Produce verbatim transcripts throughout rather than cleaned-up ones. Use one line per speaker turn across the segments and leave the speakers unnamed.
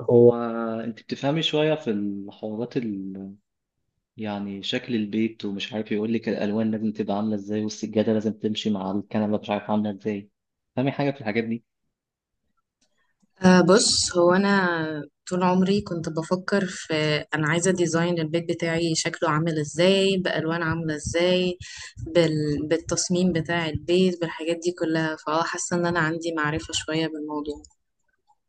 هو، انت بتفهمي شويه في الحوارات ال... يعني شكل البيت، ومش عارف يقول لك الالوان لازم تبقى عامله ازاي، والسجاده لازم تمشي مع الكنبه مش عارف عامله ازاي؟ فاهمي حاجه في الحاجات دي؟
أه، بص. هو أنا طول عمري كنت بفكر في أنا عايزة ديزاين البيت بتاعي شكله عامل إزاي، بألوان عاملة إزاي، بال... بالتصميم بتاع البيت، بالحاجات دي كلها. فأه، حاسة إن أنا عندي معرفة شوية بالموضوع.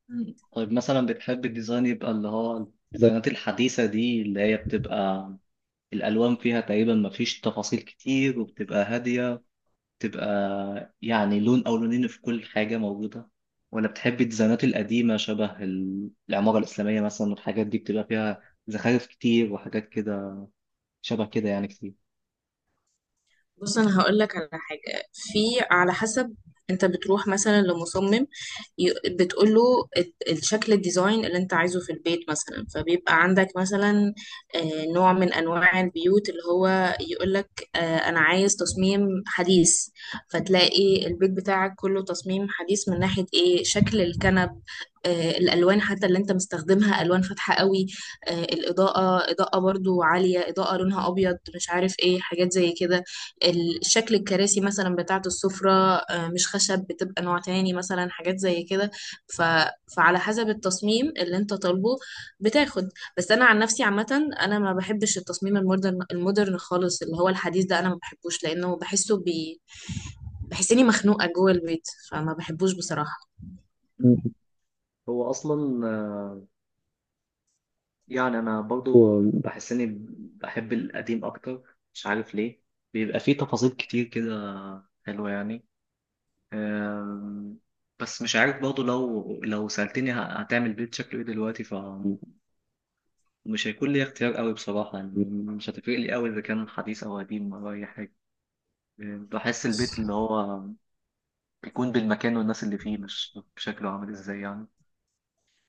مم. طيب مثلا بتحب الديزاين يبقى اللي هو الديزاينات الحديثه دي، اللي هي بتبقى الالوان فيها تقريبا ما فيش تفاصيل كتير وبتبقى هاديه، تبقى يعني لون أو لونين في كل حاجة موجودة، ولا بتحبي الديزاينات القديمة شبه ال- العمارة الإسلامية مثلا، والحاجات دي بتبقى فيها زخارف كتير وحاجات كده، شبه كده يعني كتير؟
بص، انا هقول لك على حاجه، في على حسب. انت بتروح مثلا لمصمم، بتقول له الشكل الديزاين اللي انت عايزه في البيت، مثلا. فبيبقى عندك مثلا آه، نوع من انواع البيوت اللي هو يقول لك انا عايز تصميم حديث، فتلاقي البيت بتاعك كله تصميم حديث، من ناحيه ايه، شكل الكنب آه، الالوان حتى اللي انت مستخدمها الوان فاتحه قوي، آه، الاضاءه اضاءه برضو عاليه، اضاءه لونها ابيض، مش عارف ايه حاجات زي كده. ال- شكل الكراسي مثلا بتاعة السفرة آه، مش خشب، بتبقى نوع تاني مثلا، حاجات زي كده. ف... فعلى حسب التصميم اللي انت طالبه بتاخد. بس انا عن نفسي عامة انا ما بحبش التصميم المودرن، المودرن خالص اللي هو الحديث ده، انا ما بحبوش لانه بحسه بي... بحس اني مخنوقة جوه البيت، فما بحبوش بصراحة.
مم. هو أصلا آه، يعني أنا برضو بحس إني بحب القديم أكتر، مش عارف ليه، بيبقى فيه تفاصيل كتير كده حلوة يعني. آم، بس مش عارف برضو، لو لو سألتني ه- هتعمل بيت شكله إيه دلوقتي، مش هيكون لي اختيار قوي بصراحة يعني، مش هتفرق لي قوي إذا كان حديث أو قديم أو أي حاجة. بحس البيت اللي هو بيكون بالمكان والناس اللي فيه، مش بشكله عامل إزاي يعني.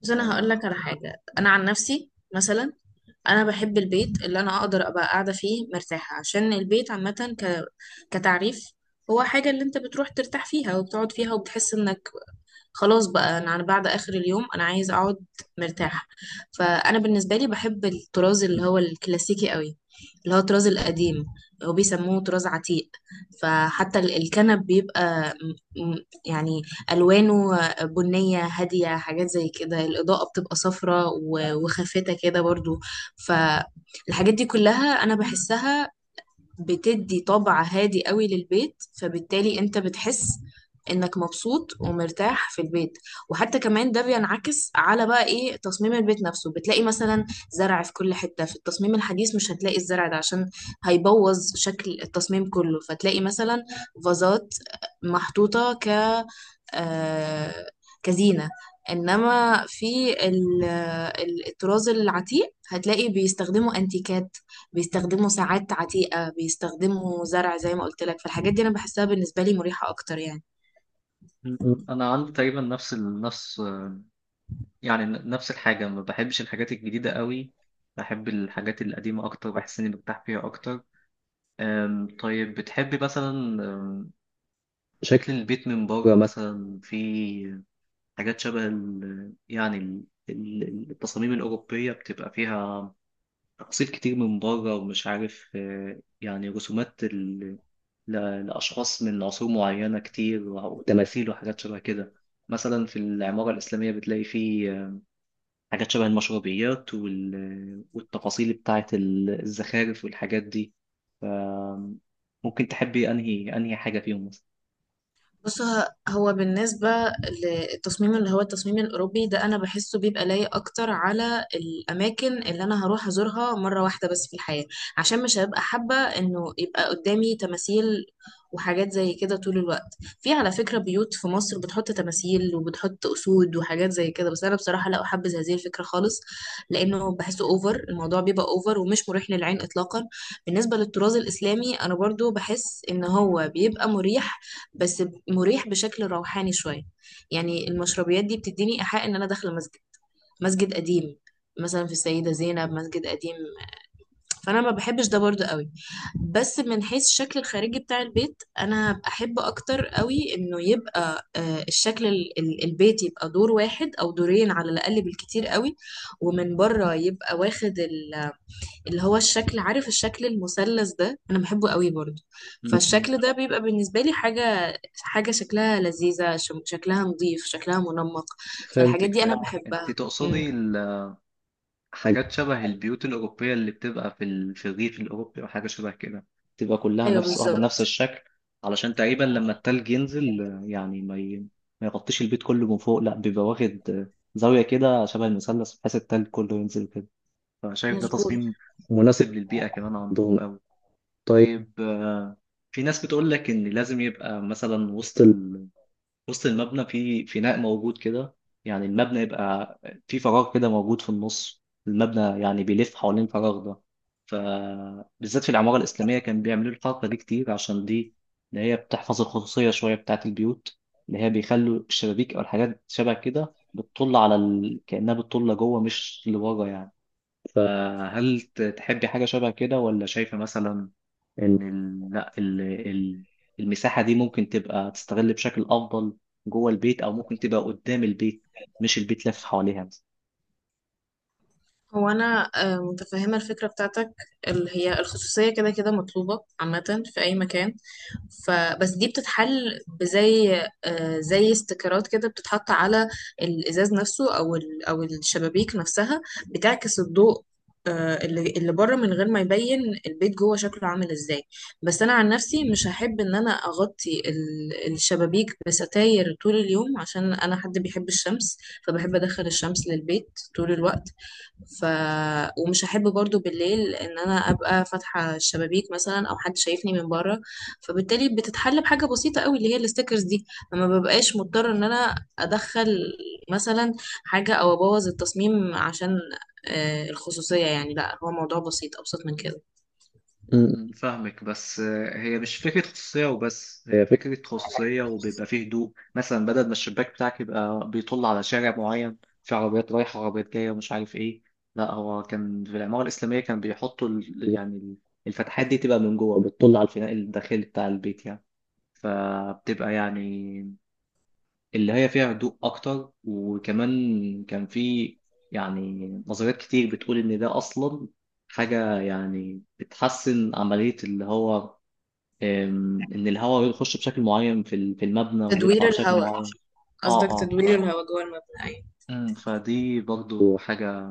بس انا هقول
آه،
لك على حاجة، انا عن نفسي مثلا، انا بحب البيت اللي انا اقدر ابقى قاعده فيه مرتاحه، عشان البيت عامه ك... كتعريف هو حاجه اللي انت بتروح ترتاح فيها وبتقعد فيها وبتحس انك خلاص بقى، انا على بعد اخر اليوم انا عايز اقعد مرتاحه. فانا بالنسبه لي بحب الطراز اللي هو الكلاسيكي قوي، اللي هو الطراز القديم، هو بيسموه طراز عتيق. فحتى ال- الكنب بيبقى م- م- يعني الوانه بنيه هاديه، حاجات زي كده. الاضاءه بتبقى صفراء و- وخافته كده برضو. فالحاجات دي كلها انا بحسها بتدي طبع هادي قوي للبيت، فبالتالي انت بتحس انك مبسوط ومرتاح في البيت. وحتى كمان ده بينعكس على بقى ايه، تصميم البيت نفسه. بتلاقي مثلا زرع في كل حتة، في التصميم الحديث مش هتلاقي الزرع ده عشان هيبوظ شكل التصميم كله، فتلاقي مثلا فازات محطوطة ك آه، كزينة. انما في ال- ال- الطراز العتيق هتلاقي بيستخدموا انتيكات، بيستخدموا ساعات عتيقة، بيستخدموا زرع زي ما قلت لك. فالحاجات دي انا بحسها بالنسبة لي مريحة اكتر يعني.
مم. أنا عندي تقريبا نفس ال- نفس يعني نفس الحاجة، ما بحبش الحاجات الجديدة قوي، بحب الحاجات القديمة أكتر، بحس إني برتاح فيها أكتر. آم، طيب بتحبي مثلا، آم، شكل البيت من بره مثلا، في حاجات شبه ال- يعني ال- ال- التصاميم الأوروبية، بتبقى فيها تقسيط كتير من بره ومش عارف آه، يعني رسومات ال- ل- لأشخاص من عصور معينة كتير، وتماثيل وحاجات شبه كده. مثلا في العمارة الإسلامية بتلاقي فيه آه، حاجات شبه المشربيات وال- والتفاصيل بتاعة ال- الزخارف والحاجات دي. ف- ممكن تحبي أنهي أنهي حاجة فيهم مثلا؟
بص ه- هو بالنسبة للتصميم اللي هو التصميم الأوروبي ده، أنا بحسه بيبقى لايق أكتر على الأماكن اللي أنا هروح أزورها مرة واحدة بس في الحياة، عشان مش هبقى حابة إنه يبقى قدامي تماثيل وحاجات زي كده طول الوقت. في على فكرة بيوت في مصر بتحط تماثيل، وبتحط أسود، وحاجات زي كده، بس أنا بصراحة لا أحبذ هذه الفكرة خالص، لأنه بحسه أوفر. الموضوع بيبقى أوفر ومش مريح للعين إطلاقا. بالنسبة للطراز الإسلامي أنا برضو بحس إن هو بيبقى مريح، بس مريح بشكل روحاني شوية. يعني المشربيات دي بتديني إيحاء إن أنا داخلة مسجد، مسجد قديم. مثلا في السيدة زينب مسجد قديم. فأنا ما بحبش ده برضو قوي. بس من حيث الشكل الخارجي بتاع البيت، أنا أحب أكتر قوي إنه يبقى آه، الشكل ال- ال- البيت يبقى دور واحد أو دورين على الأقل، بالكتير قوي. ومن بره يبقى واخد اللي هو الشكل، عارف، الشكل المثلث ده انا بحبه قوي برضو.
م- م.
فالشكل ده بيبقى بالنسبه لي حاجه حاجه شكلها لذيذه، شم- شكلها نظيف، شكلها منمق. فالحاجات
فهمتك،
دي انا
فهمتك، أنت
بحبها. امم،
تقصدي حاجات شبه البيوت الأوروبية اللي بتبقى في ال- في الريف الأوروبي أو حاجة شبه كده، تبقى كلها
ايوه
نفس، واخدة
بالظبط،
نفس الشكل، علشان تقريبا لما التلج ينزل آه، يعني ما ي... ما يغطيش البيت كله من فوق، لا بيبقى واخد آه، زاوية كده شبه المثلث، بحيث التلج كله ينزل كده. فشايف ده
مظبوط.
تصميم مناسب للبيئة كمان عندهم أوي. طيب آه، في ناس بتقول لك إن لازم يبقى مثلا وسط وسط المبنى في فناء موجود كده، يعني المبنى يبقى في فراغ كده موجود في النص، المبنى يعني بيلف حوالين الفراغ ده. فبالذات في العمارة الإسلامية كان بيعملوا الحركة دي كتير، عشان دي إن هي بتحفظ الخصوصية شوية بتاعة البيوت، إن هي بيخلوا الشبابيك أو الحاجات شبه كده بتطل على ال... كأنها بتطل جوه مش لبره يعني. فهل ت- تحبي حاجة شبه كده، ولا شايفة مثلا إن ال- لا ال- ال- المساحة دي ممكن تبقى تستغل بشكل أفضل جوه البيت، أو ممكن تبقى قدام البيت، مش البيت لف حواليها؟
هو انا آه، متفهمه الفكره بتاعتك، اللي هي الخصوصيه كده كده مطلوبه عامه في اي مكان، فبس دي بتتحل بزي آه، زي استيكرات كده بتتحط على الازاز نفسه، او ال- او الشبابيك نفسها، بتعكس الضوء آه، اللي اللي بره من غير ما يبين البيت جوه شكله عامل ازاي. بس انا عن نفسي مش هحب ان انا اغطي ال- الشبابيك بستاير طول اليوم، عشان انا حد بيحب الشمس، فبحب ادخل الشمس للبيت طول الوقت. ف ومش هحب برضو بالليل ان انا ابقى فاتحه الشبابيك مثلا، او حد شايفني من بره. فبالتالي بتتحل بحاجه بسيطه قوي، اللي هي الستيكرز دي. لما ببقاش مضطر ان انا ادخل مثلا حاجه او ابوظ التصميم عشان آه، الخصوصيه، يعني لا، هو موضوع بسيط، ابسط من كده.
م- م. فاهمك، بس آه، هي مش فكرة خصوصية وبس، هي فكرة خصوصية وبيبقى فيه هدوء مثلا، بدل ما الشباك بتاعك يبقى بيطل على شارع معين، في عربيات رايحة وعربيات جاية ومش عارف ايه. لا، هو كان في العمارة الإسلامية كان بيحطوا ال- يعني الفتحات دي تبقى من جوه، بتطل على الفناء الداخلي بتاع البيت يعني. فبتبقى يعني اللي هي فيها هدوء أكتر، وكمان كان في يعني نظريات كتير بتقول إن ده أصلا حاجة يعني بتحسن عملية اللي هو أم، إن الهواء يخش بشكل معين في ال- في المبنى ويطلع
تدوير
بشكل
الهواء،
معين. اه،
قصدك
اه. ف...
تدوير الهواء جوه المبنى؟ أيوة.
مم، فدي برضو حاجة.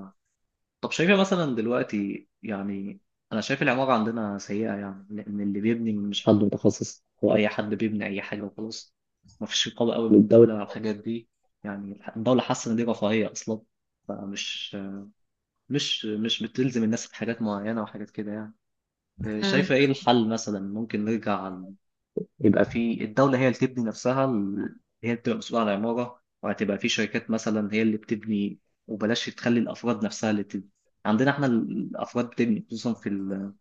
طب شايفة مثلا دلوقتي يعني، أنا شايف العمارة عندنا سيئة يعني، لأن اللي بيبني مش حد متخصص، هو أي حد بيبني أي حاجة وخلاص، مفيش رقابة قوي من الدولة على الحاجات دي. يعني الح- الدولة حاسة إن دي رفاهية أصلا، فمش مش مش بتلزم الناس بحاجات معينة وحاجات كده يعني. إيه، شايفة
امم،
إيه الحل مثلا؟ ممكن نرجع يبقى في الدولة هي اللي تبني نفسها، ال- هي اللي بتبقى مسؤولة عن العمارة، وهتبقى في شركات مثلا هي اللي بتبني، وبلاش تخلي الأفراد نفسها اللي تبني. عندنا احنا الأفراد بتبني، خصوصا في ال-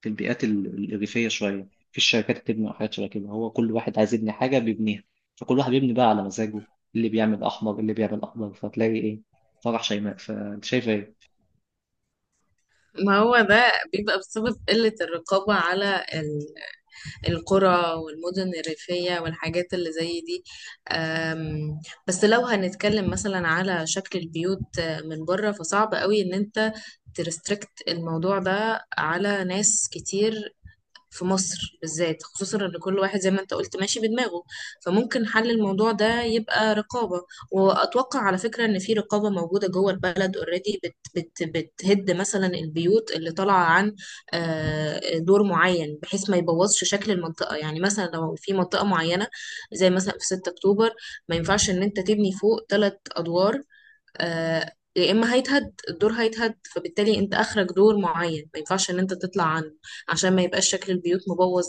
في البيئات ال- الريفية شوية، في الشركات بتبني وحاجات شبه كده، هو كل واحد عايز يبني حاجة بيبنيها، فكل واحد بيبني بقى على مزاجه، اللي بيعمل أحمر، اللي بيعمل أخضر، فتلاقي إيه فرح شيماء. فأنت شايف إيه؟
ما هو ده بيبقى بسبب قلة الرقابة على القرى والمدن الريفية والحاجات اللي زي دي. أم، بس لو هنتكلم مثلا على شكل البيوت آه، من بره، فصعب قوي ان انت ترستريكت الموضوع ده على ناس كتير في مصر بالذات، خصوصا ان كل واحد زي ما انت قلت ماشي بدماغه. فممكن حل الموضوع ده يبقى رقابة. واتوقع على فكرة ان في رقابة موجودة جوه البلد اوريدي بت بت بتهد مثلا البيوت اللي طالعة عن آه، دور معين، بحيث ما يبوظش شكل المنطقة. يعني مثلا لو في منطقة معينة، زي مثلا في ستة أكتوبر اكتوبر، ما ينفعش ان انت تبني فوق ثلاث ادوار، آه، يا اما هيتهد الدور هيتهد. فبالتالي انت اخرج دور معين ما ينفعش ان انت تطلع عنه، عشان ما يبقاش شكل البيوت مبوظ،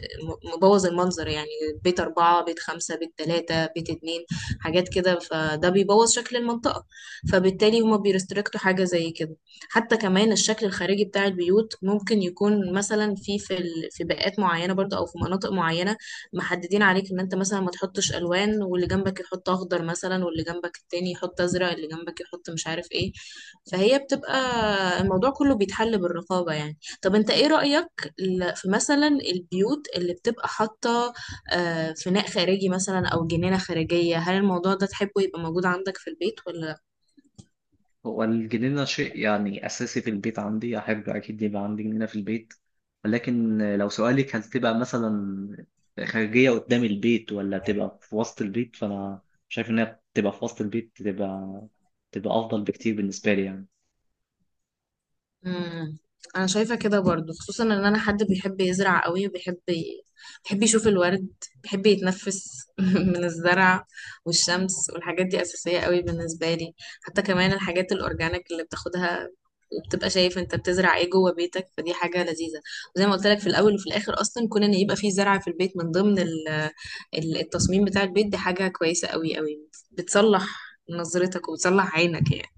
آه، مبوظ المنظر يعني. بيت أربعة، بيت خمسة، بيت تلاتة، بيت اتنين، حاجات كده، فده بيبوظ شكل المنطقة. فبالتالي هما بيرستريكتوا حاجة زي كده. حتى كمان الشكل الخارجي بتاع البيوت ممكن يكون مثلا في في ال- في بيئات معينة برضه، او في مناطق معينة، محددين عليك ان انت مثلا ما تحطش الوان، واللي جنبك يحط اخضر مثلا، واللي جنبك التاني يحط ازرق، اللي جنبك يحط مش عارف ايه. فهي بتبقى، الموضوع كله بيتحل بالرقابة يعني. طب انت ايه رأيك ل- في مثلا البيوت اللي بتبقى حاطة آه، فناء خارجي مثلا او جنينة خارجية، هل الموضوع ده تحبه يبقى موجود عندك في البيت ولا؟
هو الجنينة شيء يعني أساسي في البيت عندي، أحب أكيد يبقى عندي جنينة في البيت. ولكن لو سؤالك هل تبقى مثلا خارجية قدام البيت، ولا تبقى في وسط البيت، فأنا شايف إنها تبقى في وسط البيت، تبقى تبقى أفضل بكتير بالنسبة لي يعني.
امم، انا شايفه كده برضو، خصوصا ان انا حد بيحب يزرع قوي، وبيحب ي- بيحب يشوف الورد، بيحب يتنفس من الزرع. والشمس والحاجات دي اساسيه قوي بالنسبه لي. حتى كمان الحاجات الاورجانيك اللي بتاخدها، وبتبقى شايف انت بتزرع ايه جوه بيتك، فدي حاجه لذيذه. وزي ما قلت لك، في الاول وفي الاخر، اصلا كون ان يبقى في زرع في البيت من ضمن ال- ال- التصميم بتاع البيت، دي حاجه كويسه قوي قوي، بتصلح نظرتك وبتصلح عينك يعني.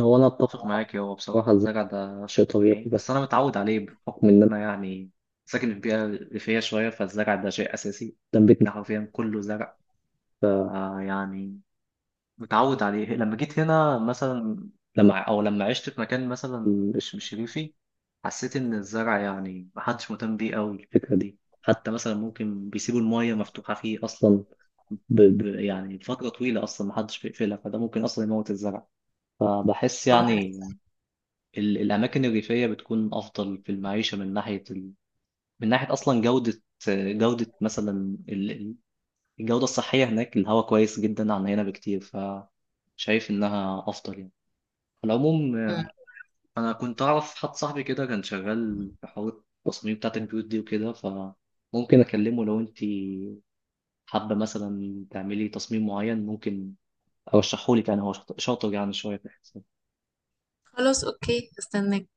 هو انا اتفق معاك، هو بصراحة، بصراحه الزرع ده شيء طبيعي، بس بس أنا متعود عليه بحكم إن من أنا يعني ساكن في بيئة ريفية شوية، فالزرع ده شيء أساسي، قدام بيتنا ده حرفيا كله زرع. آه يعني متعود عليه، لما جيت هنا مثلا، لما او لما عشت في مكان مثلا مش مش ريفي، حسيت ان الزرع يعني محدش مهتم بيه قوي الفكره دي. حتى مثلا ممكن بيسيبوا المايه مفتوحه فيه اصلا ب... ب... يعني فتره طويله اصلا محدش بيقفلها، فده ممكن اصلا يموت الزرع. فبحس
آه.
يعني ال... الاماكن الريفيه بتكون افضل في المعيشه من ناحيه ال... من ناحيه اصلا جوده، جوده مثلا ال... ال- الجوده الصحيه، هناك الهواء كويس جدا عن هنا بكتير، فشايف انها افضل يعني. على العموم آه، انا كنت اعرف حد صاحبي كده كان شغال في حوار التصميم بتاعت البيوت دي وكده، فممكن اكلمه لو انت حابه مثلا تعملي تصميم معين، ممكن ارشحه لك يعني، هو شاطر، شاطر يعني شويه في الحساب.
خلاص اوكي، استنى.